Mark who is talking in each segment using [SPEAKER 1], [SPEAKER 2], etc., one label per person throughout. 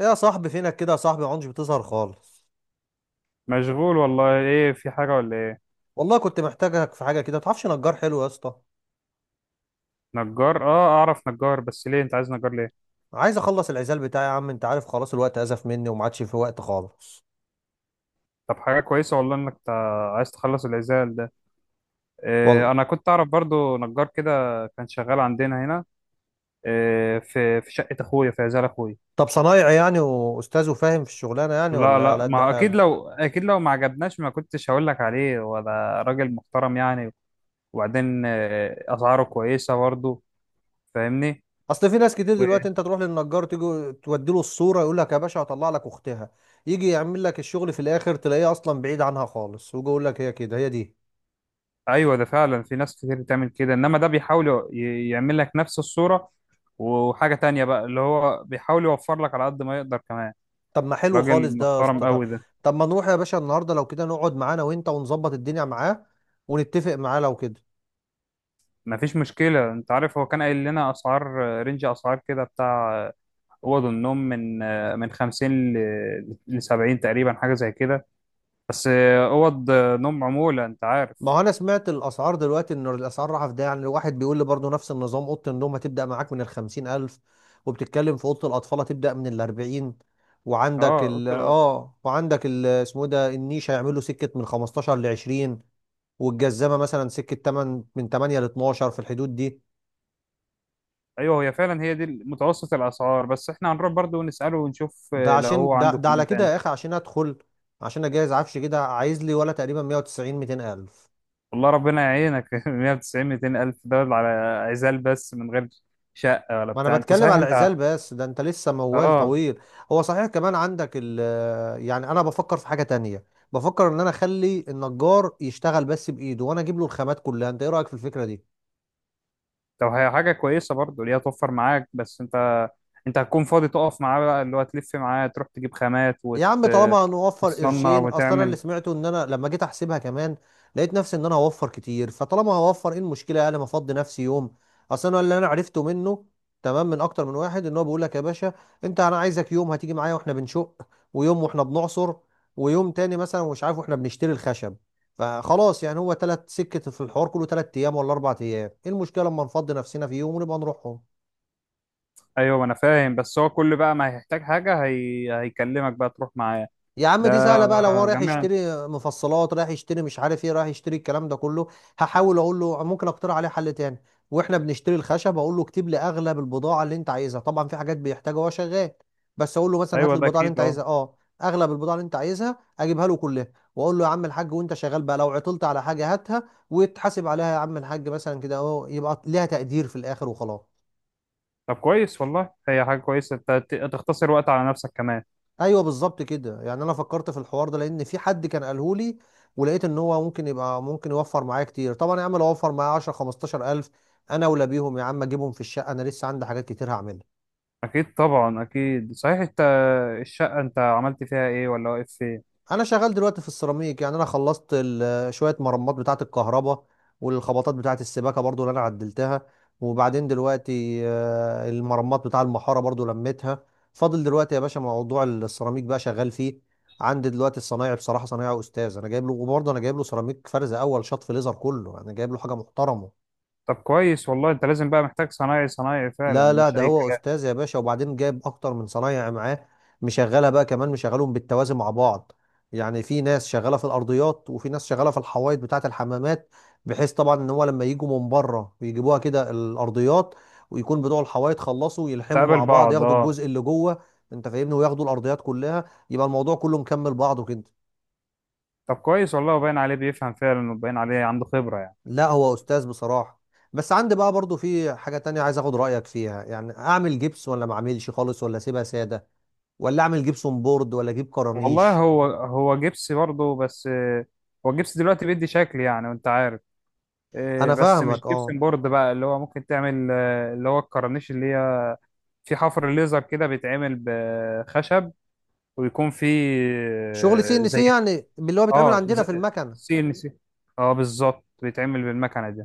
[SPEAKER 1] إيه يا صاحبي؟ فينك كده يا صاحبي؟ ما عندش بتظهر خالص.
[SPEAKER 2] مشغول والله، ايه؟ في حاجة ولا ايه؟
[SPEAKER 1] والله كنت محتاجك في حاجه كده. متعرفش نجار حلو يا اسطى؟
[SPEAKER 2] نجار؟ اه، اعرف نجار، بس ليه انت عايز نجار؟ ليه؟
[SPEAKER 1] عايز اخلص العزال بتاعي يا عم. انت عارف، خلاص الوقت ازف مني وما عادش في وقت خالص.
[SPEAKER 2] طب حاجة كويسة والله انك عايز تخلص العزال ده. إيه،
[SPEAKER 1] والله.
[SPEAKER 2] انا كنت اعرف برضو نجار كده، كان شغال عندنا هنا. إيه، في شقة اخويا، في عزال اخويا.
[SPEAKER 1] طب صنايعي يعني واستاذ وفاهم في الشغلانه يعني،
[SPEAKER 2] لا
[SPEAKER 1] ولا على
[SPEAKER 2] لا،
[SPEAKER 1] قد
[SPEAKER 2] ما اكيد
[SPEAKER 1] حاله؟
[SPEAKER 2] لو اكيد لو ما عجبناش ما كنتش هقول لك عليه، وده راجل محترم يعني. وبعدين اسعاره كويسة برضو. فاهمني؟
[SPEAKER 1] اصل في ناس كتير دلوقتي، انت تروح للنجار تيجي تودي له الصوره يقول لك يا باشا هطلع لك اختها. يجي يعمل لك الشغل في الاخر تلاقيه اصلا بعيد عنها خالص، ويجي يقول لك هي كده، هي دي.
[SPEAKER 2] ايوه، ده فعلا في ناس كتير بتعمل كده، انما ده بيحاول يعمل لك نفس الصورة. وحاجة تانية بقى، اللي هو بيحاول يوفر لك على قد ما يقدر كمان.
[SPEAKER 1] طب ما حلو خالص
[SPEAKER 2] راجل
[SPEAKER 1] ده يا
[SPEAKER 2] محترم
[SPEAKER 1] اسطى. طب،
[SPEAKER 2] قوي ده.
[SPEAKER 1] طب ما نروح يا باشا النهارده لو كده، نقعد معانا وانت ونظبط الدنيا معاه، ونتفق معاه لو كده.
[SPEAKER 2] مفيش مشكلة، انت عارف هو كان قايل لنا اسعار، رينج اسعار كده، بتاع اوض النوم، من 50 ل 70 تقريبا، حاجة زي كده. بس اوض نوم عمولة، انت عارف.
[SPEAKER 1] ما هو انا سمعت الاسعار دلوقتي ان الاسعار رايحه في ده، يعني الواحد بيقول لي برضه نفس النظام، اوضه النوم هتبدا معاك من الخمسين الف. وبتتكلم في اوضه الاطفال، هتبدا من الاربعين.
[SPEAKER 2] اه، قلت له.
[SPEAKER 1] وعندك ال اسمه إيه ده، النيش هيعملوا سكه من 15 ل 20. والجزامه مثلا سكه 8 من 8 ل 12، في الحدود دي.
[SPEAKER 2] ايوه، هي فعلا هي دي متوسط الاسعار، بس احنا هنروح برضو نسأله ونشوف
[SPEAKER 1] ده
[SPEAKER 2] لو
[SPEAKER 1] عشان
[SPEAKER 2] هو
[SPEAKER 1] ده,
[SPEAKER 2] عنده
[SPEAKER 1] ده
[SPEAKER 2] كلام
[SPEAKER 1] على كده
[SPEAKER 2] تاني.
[SPEAKER 1] يا اخي، عشان ادخل، عشان اجهز عفش كده، عايز لي ولا تقريبا 190 200 الف.
[SPEAKER 2] والله ربنا يعينك. 190 200 الف دول على عزال بس، من غير شقه ولا
[SPEAKER 1] ما انا
[SPEAKER 2] بتاع؟ انت
[SPEAKER 1] بتكلم
[SPEAKER 2] صحيح
[SPEAKER 1] على
[SPEAKER 2] انت؟
[SPEAKER 1] العزال بس، ده انت لسه موال
[SPEAKER 2] اه.
[SPEAKER 1] طويل. هو صحيح كمان عندك ال. يعني انا بفكر في حاجة تانية. بفكر ان انا اخلي النجار يشتغل بس بايده، وانا اجيب له الخامات كلها. انت ايه رأيك في الفكرة دي؟
[SPEAKER 2] طب هي حاجه كويسه برضه، اللي هي توفر معاك، بس انت انت هتكون فاضي تقف معاه بقى؟ اللي هو تلف معاه تروح تجيب خامات
[SPEAKER 1] يا عم طالما هنوفر
[SPEAKER 2] وتصنع
[SPEAKER 1] قرشين، اصل انا اللي
[SPEAKER 2] وتعمل.
[SPEAKER 1] سمعته، ان انا لما جيت احسبها كمان لقيت نفسي ان انا هوفر كتير. فطالما هوفر، ايه المشكله يعني؟ ما افضي نفسي يوم. اصل انا اللي انا عرفته منه تمام من اكتر من واحد، ان هو بيقول لك يا باشا: انت، انا عايزك يوم هتيجي معايا واحنا بنشق، ويوم واحنا بنعصر، ويوم تاني مثلا مش عارف واحنا بنشتري الخشب. فخلاص يعني هو 3 سكة في الحوار كله، 3 ايام ولا 4 ايام، ايه المشكله لما نفضي نفسنا في يوم ونبقى نروحهم؟
[SPEAKER 2] ايوه، ما انا فاهم، بس هو كل بقى ما هيحتاج حاجه هيكلمك بقى تروح معاه.
[SPEAKER 1] يا عم
[SPEAKER 2] ده
[SPEAKER 1] دي سهله بقى، لو هو رايح
[SPEAKER 2] جميعا.
[SPEAKER 1] يشتري مفصلات، رايح يشتري مش عارف ايه، رايح يشتري الكلام ده كله. هحاول اقول له ممكن اقترح عليه حل تاني. واحنا بنشتري الخشب اقول له اكتب لي اغلب البضاعه اللي انت عايزها، طبعا في حاجات بيحتاجها وهو شغال، بس اقول له مثلا هات لي
[SPEAKER 2] ايوه، ده
[SPEAKER 1] البضاعه اللي
[SPEAKER 2] اكيد،
[SPEAKER 1] انت
[SPEAKER 2] اه.
[SPEAKER 1] عايزها اه اغلب البضاعه اللي انت عايزها اجيبها له كلها. واقول له يا عم الحاج، وانت شغال بقى لو عطلت على حاجه هاتها وتحاسب عليها يا عم الحاج، مثلا كده اهو، يبقى ليها تقدير في الاخر وخلاص.
[SPEAKER 2] طب كويس والله، هي حاجه كويسه، انت تختصر وقت على نفسك كمان.
[SPEAKER 1] ايوه بالظبط كده. يعني انا فكرت في الحوار ده لان في حد كان قاله لي، ولقيت ان هو ممكن يبقى ممكن يوفر معايا كتير. طبعا يا عم لو اوفر معايا 10 15 الف، انا اولى بيهم يا عم، اجيبهم في الشقه، انا لسه عندي حاجات كتير هعملها.
[SPEAKER 2] اكيد طبعا، اكيد. صحيح انت، الشقه انت عملت فيها ايه؟ ولا واقف فين؟
[SPEAKER 1] انا شغال دلوقتي في السيراميك. يعني انا خلصت شويه مرمات بتاعه الكهرباء، والخبطات بتاعه السباكه برضو اللي انا عدلتها. وبعدين دلوقتي المرمات بتاع المحاره برضو لميتها. فاضل دلوقتي يا باشا موضوع السيراميك بقى، شغال فيه. عندي دلوقتي الصنايعي بصراحه صنايعي استاذ، انا جايب له، وبرضه انا جايب له سيراميك فرز اول شط في ليزر، كله انا جايب له حاجه محترمه.
[SPEAKER 2] طب كويس والله، انت لازم بقى محتاج صنايعي، صنايعي فعلا
[SPEAKER 1] لا لا،
[SPEAKER 2] مش
[SPEAKER 1] ده
[SPEAKER 2] اي
[SPEAKER 1] هو
[SPEAKER 2] كلام.
[SPEAKER 1] استاذ يا باشا، وبعدين جايب اكتر من صنايعي معاه، مشغلها بقى كمان، مشغلهم بالتوازي مع بعض. يعني في ناس شغاله في الارضيات، وفي ناس شغاله في الحوايط بتاعه الحمامات، بحيث طبعا ان هو لما يجوا من بره ويجيبوها كده الارضيات، ويكون بتوع الحوايط خلصوا، يلحموا
[SPEAKER 2] تقابل
[SPEAKER 1] مع بعض،
[SPEAKER 2] بعض،
[SPEAKER 1] ياخدوا
[SPEAKER 2] اه.
[SPEAKER 1] الجزء اللي جوه، انت فاهمني، وياخدوا الارضيات كلها، يبقى الموضوع كله مكمل بعضه كده.
[SPEAKER 2] طب كويس والله، وباين عليه بيفهم فعلا، وباين عليه عنده خبره يعني.
[SPEAKER 1] لا، هو استاذ بصراحه. بس عندي بقى برضو في حاجه تانية عايز اخد رايك فيها، يعني اعمل جبس ولا ما اعملش خالص ولا اسيبها ساده؟ ولا اعمل جبسون بورد ولا اجيب
[SPEAKER 2] والله،
[SPEAKER 1] كرانيش؟
[SPEAKER 2] هو هو جبس برضه، بس هو جبس دلوقتي بيدي شكل يعني، وانت عارف.
[SPEAKER 1] انا
[SPEAKER 2] بس مش
[SPEAKER 1] فاهمك، اه.
[SPEAKER 2] جبسن بورد بقى، اللي هو ممكن تعمل اللي هو الكرنيش اللي هي في حفر ليزر كده، بيتعمل بخشب ويكون فيه.
[SPEAKER 1] شغل سي ان سي
[SPEAKER 2] زي.
[SPEAKER 1] يعني، اللي هو بيتعمل
[SPEAKER 2] اه،
[SPEAKER 1] عندنا في المكنه.
[SPEAKER 2] سي ان سي. اه، بالظبط، بيتعمل بالمكنه دي.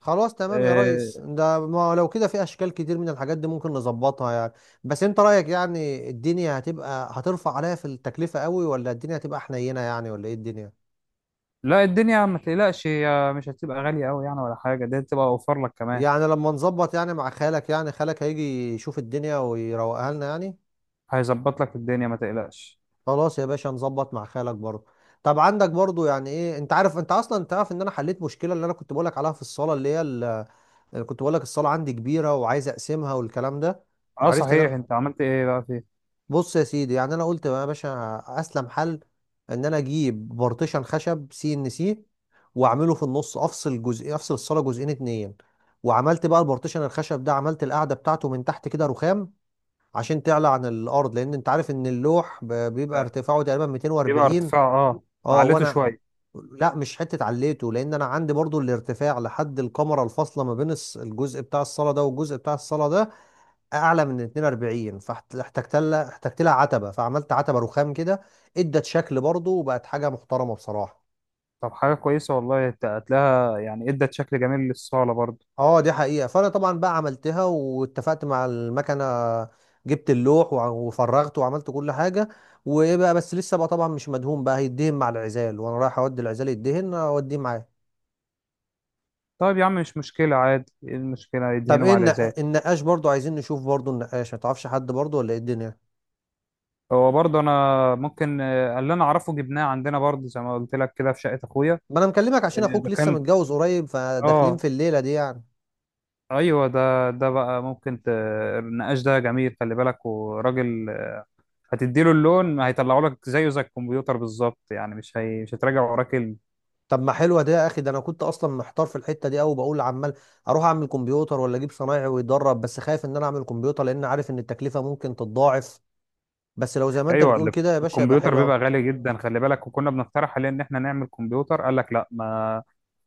[SPEAKER 1] خلاص تمام يا ريس،
[SPEAKER 2] آه.
[SPEAKER 1] ده ما لو كده في اشكال كتير من الحاجات دي ممكن نظبطها يعني. بس انت رايك يعني، الدنيا هتبقى هترفع عليا في التكلفه قوي، ولا الدنيا هتبقى حنينه يعني، ولا ايه الدنيا؟
[SPEAKER 2] لا، الدنيا ما تقلقش، هي مش هتبقى غاليه قوي يعني ولا حاجه، دي هتبقى اوفر لك كمان.
[SPEAKER 1] يعني لما نظبط يعني مع خالك، يعني خالك هيجي يشوف الدنيا ويروقها لنا يعني.
[SPEAKER 2] هيظبط لك الدنيا، ما تقلقش.
[SPEAKER 1] خلاص يا باشا، نظبط مع خالك برضه. طب عندك برضه، يعني ايه، انت عارف، انت اصلا تعرف ان انا حليت مشكله اللي انا كنت بقولك عليها في الصاله، اللي هي اللي كنت بقولك الصاله عندي كبيره وعايز اقسمها والكلام ده.
[SPEAKER 2] اه
[SPEAKER 1] عرفت ان انا،
[SPEAKER 2] صحيح، انت عملت ايه بقى فيه؟
[SPEAKER 1] بص يا سيدي، يعني انا قلت يا باشا اسلم حل ان انا اجيب بارتيشن خشب سي ان سي، واعمله في النص، افصل الصاله جزئين اتنين. وعملت بقى البارتيشن الخشب ده، عملت القاعده بتاعته من تحت كده رخام عشان تعلى عن الارض، لان انت عارف ان اللوح بيبقى
[SPEAKER 2] آه،
[SPEAKER 1] ارتفاعه تقريبا
[SPEAKER 2] بيبقى
[SPEAKER 1] 240.
[SPEAKER 2] ارتفاع، اه.
[SPEAKER 1] اه
[SPEAKER 2] عليته
[SPEAKER 1] وانا،
[SPEAKER 2] شويه.
[SPEAKER 1] لا مش حته عليته، لان انا عندي برضو الارتفاع لحد الكمره الفاصله ما بين الجزء بتاع الصاله ده والجزء بتاع الصاله ده، اعلى من 42. فاحتجت لها، احتجت لها عتبه، فعملت عتبه رخام كده، ادت شكل برضو وبقت حاجه محترمه بصراحه.
[SPEAKER 2] طب حاجه كويسه والله، هتلاقيها يعني ادت شكل جميل للصاله برضه.
[SPEAKER 1] اه دي حقيقه. فانا طبعا بقى عملتها واتفقت مع المكنه، جبت اللوح وفرغته وعملت كل حاجه. وايه بقى، بس لسه بقى طبعا مش مدهون بقى، هيدهن مع العزال وانا رايح اودي العزال يدهن، اوديه معايا.
[SPEAKER 2] طيب يا عم، مش مشكله، عادي، ايه المشكله؟
[SPEAKER 1] طب
[SPEAKER 2] يدهنوا
[SPEAKER 1] ايه
[SPEAKER 2] على ذلك.
[SPEAKER 1] النقاش؟ برضو عايزين نشوف برضو النقاش، ما تعرفش حد برضو، ولا ايه الدنيا؟
[SPEAKER 2] هو برضه انا ممكن، اللي انا اعرفه جبناه عندنا برضه، زي ما قلت لك كده في شقه اخويا.
[SPEAKER 1] ما انا مكلمك عشان اخوك
[SPEAKER 2] ده
[SPEAKER 1] لسه
[SPEAKER 2] كان،
[SPEAKER 1] متجوز قريب، فداخلين
[SPEAKER 2] اه.
[SPEAKER 1] في الليله دي يعني.
[SPEAKER 2] ايوه، ده بقى ممكن النقاش ده جميل، خلي بالك، وراجل هتديله اللون هيطلعه لك زيه، زي الكمبيوتر بالظبط يعني، مش مش هتراجع وراه كلمه.
[SPEAKER 1] طب ما حلوه دي يا اخي. ده انا كنت اصلا محتار في الحته دي قوي، بقول عمال اروح اعمل كمبيوتر ولا اجيب صنايعي ويدرب، بس خايف ان انا اعمل كمبيوتر لان عارف ان التكلفه ممكن تتضاعف. بس لو زي ما انت
[SPEAKER 2] ايوه،
[SPEAKER 1] بتقول كده يا باشا يبقى
[SPEAKER 2] الكمبيوتر
[SPEAKER 1] حلو
[SPEAKER 2] بيبقى
[SPEAKER 1] قوي.
[SPEAKER 2] غالي جدا، خلي بالك. وكنا بنقترح عليه ان احنا نعمل كمبيوتر، قال لك لا،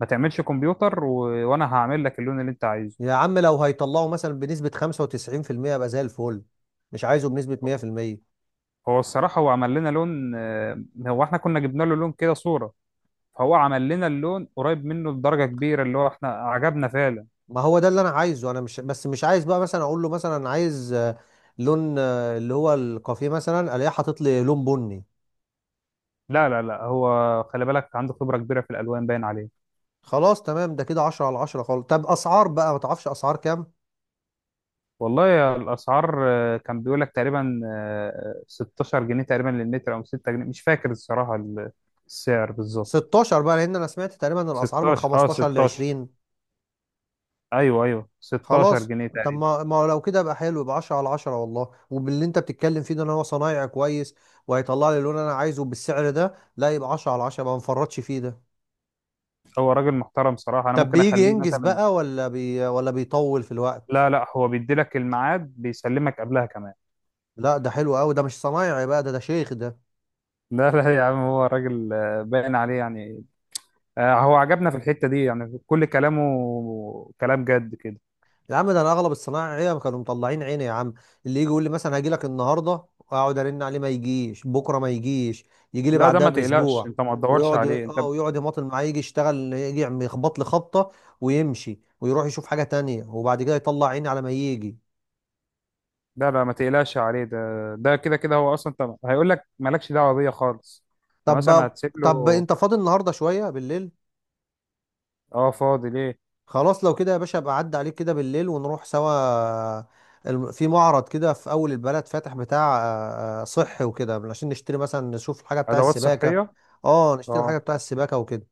[SPEAKER 2] ما تعملش كمبيوتر وانا هعمل لك اللون اللي انت عايزه.
[SPEAKER 1] يا عم لو هيطلعوا مثلا بنسبه 95%، يبقى زي الفل. مش عايزه بنسبه 100%.
[SPEAKER 2] هو الصراحه هو عمل لنا لون، هو احنا كنا جبنا له لون كده، صوره، فهو عمل لنا اللون قريب منه بدرجه كبيره، اللي هو احنا عجبنا فعلا.
[SPEAKER 1] ما هو ده اللي انا عايزه. انا مش بس مش عايز بقى مثلا اقول له مثلا أنا عايز لون اللي هو الكافيه مثلا، الاقيه حاطط لي لون بني.
[SPEAKER 2] لا لا لا، هو خلي بالك عنده خبرة كبيرة في الألوان، باين عليه.
[SPEAKER 1] خلاص تمام، ده كده 10 على 10 خالص. طب اسعار بقى، ما تعرفش اسعار كام؟
[SPEAKER 2] والله يا، الأسعار كان بيقول لك تقريبا 16 جنيه تقريبا للمتر، أو 6 جنيه، مش فاكر الصراحة، السعر بالظبط.
[SPEAKER 1] 16 بقى، لان انا سمعت تقريبا ان الاسعار من
[SPEAKER 2] 16، اه،
[SPEAKER 1] 15 ل
[SPEAKER 2] 16.
[SPEAKER 1] 20.
[SPEAKER 2] ايوه ايوه، 16
[SPEAKER 1] خلاص.
[SPEAKER 2] جنيه
[SPEAKER 1] طب
[SPEAKER 2] تقريبا.
[SPEAKER 1] ما لو كده يبقى حلو، يبقى 10 على 10 والله، وباللي انت بتتكلم فيه ده، ان هو صنايعي كويس وهيطلع لي اللون اللي انا عايزه بالسعر ده، لا يبقى 10 على 10، ما نفرطش فيه ده.
[SPEAKER 2] هو راجل محترم صراحة، أنا
[SPEAKER 1] طب
[SPEAKER 2] ممكن
[SPEAKER 1] بيجي
[SPEAKER 2] أخليه
[SPEAKER 1] ينجز
[SPEAKER 2] مثلا.
[SPEAKER 1] بقى ولا بيطول في
[SPEAKER 2] لا
[SPEAKER 1] الوقت؟
[SPEAKER 2] لا، هو بيدي لك الميعاد، بيسلمك قبلها كمان.
[SPEAKER 1] لا، ده حلو قوي ده، مش صنايعي بقى ده شيخ ده.
[SPEAKER 2] لا لا يا عم، هو راجل، باين عليه يعني. هو عجبنا في الحتة دي يعني، كل كلامه كلام جد كده.
[SPEAKER 1] يا عم ده انا اغلب الصنايعيه كانوا مطلعين عيني يا عم، اللي يجي يقول لي مثلا هاجي لك النهارده واقعد ارن عليه ما يجيش، بكره ما يجيش، يجي لي
[SPEAKER 2] لا، ده
[SPEAKER 1] بعدها
[SPEAKER 2] ما تقلقش
[SPEAKER 1] باسبوع،
[SPEAKER 2] انت، ما تدورش
[SPEAKER 1] ويقعد
[SPEAKER 2] عليه انت.
[SPEAKER 1] اه ويقعد يماطل معايا، يجي يشتغل يجي يخبط لي خبطه ويمشي ويروح يشوف حاجه تانية، وبعد كده يطلع عيني على ما يجي.
[SPEAKER 2] لا لا، ما تقلقش عليه ده، ده كده كده هو اصلا، انت هيقول لك مالكش دعوه بيا خالص، انت مثلا
[SPEAKER 1] طب
[SPEAKER 2] هتسيب
[SPEAKER 1] طب
[SPEAKER 2] له.
[SPEAKER 1] انت فاضي النهارده شويه بالليل؟
[SPEAKER 2] اه، فاضي، ليه؟
[SPEAKER 1] خلاص لو كده يا باشا ابقى عدى عليك كده بالليل ونروح سوا. في معرض كده في اول البلد فاتح بتاع صحي وكده، عشان نشتري مثلا، نشوف الحاجه بتاع
[SPEAKER 2] ادوات
[SPEAKER 1] السباكه.
[SPEAKER 2] صحيه.
[SPEAKER 1] اه نشتري الحاجه
[SPEAKER 2] اه.
[SPEAKER 1] بتاع السباكه وكده،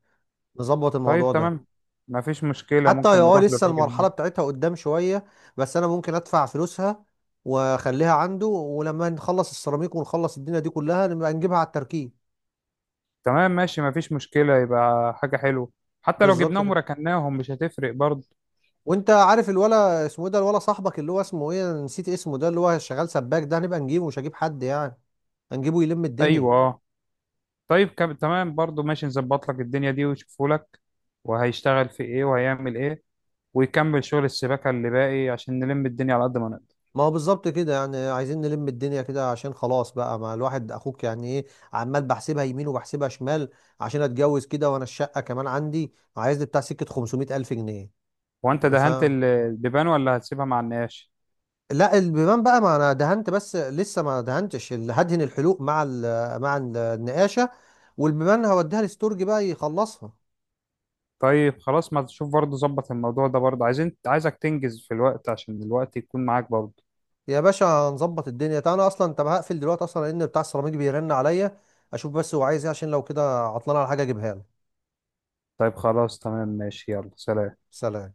[SPEAKER 1] نظبط
[SPEAKER 2] طيب
[SPEAKER 1] الموضوع ده.
[SPEAKER 2] تمام، ما فيش مشكله،
[SPEAKER 1] حتى هي
[SPEAKER 2] ممكن
[SPEAKER 1] اه
[SPEAKER 2] نروح
[SPEAKER 1] لسه
[SPEAKER 2] للراجل
[SPEAKER 1] المرحله
[SPEAKER 2] هناك.
[SPEAKER 1] بتاعتها قدام شويه، بس انا ممكن ادفع فلوسها واخليها عنده، ولما نخلص السيراميك ونخلص الدنيا دي كلها نبقى نجيبها على التركيب.
[SPEAKER 2] تمام ماشي، ما فيش مشكله، يبقى حاجه حلوه، حتى لو
[SPEAKER 1] بالظبط
[SPEAKER 2] جبناهم
[SPEAKER 1] كده.
[SPEAKER 2] وركناهم مش هتفرق برضه.
[SPEAKER 1] وانت عارف الولا اسمه ايه ده، الولا صاحبك اللي هو اسمه ايه، انا نسيت اسمه ده، اللي هو شغال سباك ده هنبقى نجيبه، مش هجيب حد يعني، هنجيبه يلم الدنيا.
[SPEAKER 2] ايوه، اه. طيب تمام برضه، ماشي. نظبط لك الدنيا دي ويشوفوا لك وهيشتغل في ايه وهيعمل ايه، ويكمل شغل السباكه اللي باقي عشان نلم الدنيا على قد ما نقدر.
[SPEAKER 1] ما هو بالظبط كده، يعني عايزين نلم الدنيا كده عشان خلاص بقى، ما الواحد اخوك يعني ايه، عمال بحسبها يمين وبحسبها شمال عشان اتجوز كده. وانا الشقة كمان عندي عايز لي بتاع سكة 500 الف جنيه.
[SPEAKER 2] هو انت
[SPEAKER 1] ف
[SPEAKER 2] دهنت البيبان ولا هتسيبها مع النقاش؟
[SPEAKER 1] لا البيبان بقى، ما انا دهنت بس لسه ما دهنتش هدهن الحلوق مع النقاشة. والبيبان هوديها الاستورج بقى يخلصها.
[SPEAKER 2] طيب خلاص، ما تشوف برضه، ظبط الموضوع ده برضه، عايزين، عايزك تنجز في الوقت عشان الوقت يكون معاك برضه.
[SPEAKER 1] يا باشا هنظبط الدنيا، تعالى انا اصلا. طب هقفل دلوقتي اصلا لان بتاع السيراميك بيرن عليا، اشوف بس هو عايز ايه عشان لو كده عطلان على حاجه اجيبها له.
[SPEAKER 2] طيب خلاص، تمام، ماشي، يلا سلام.
[SPEAKER 1] سلام.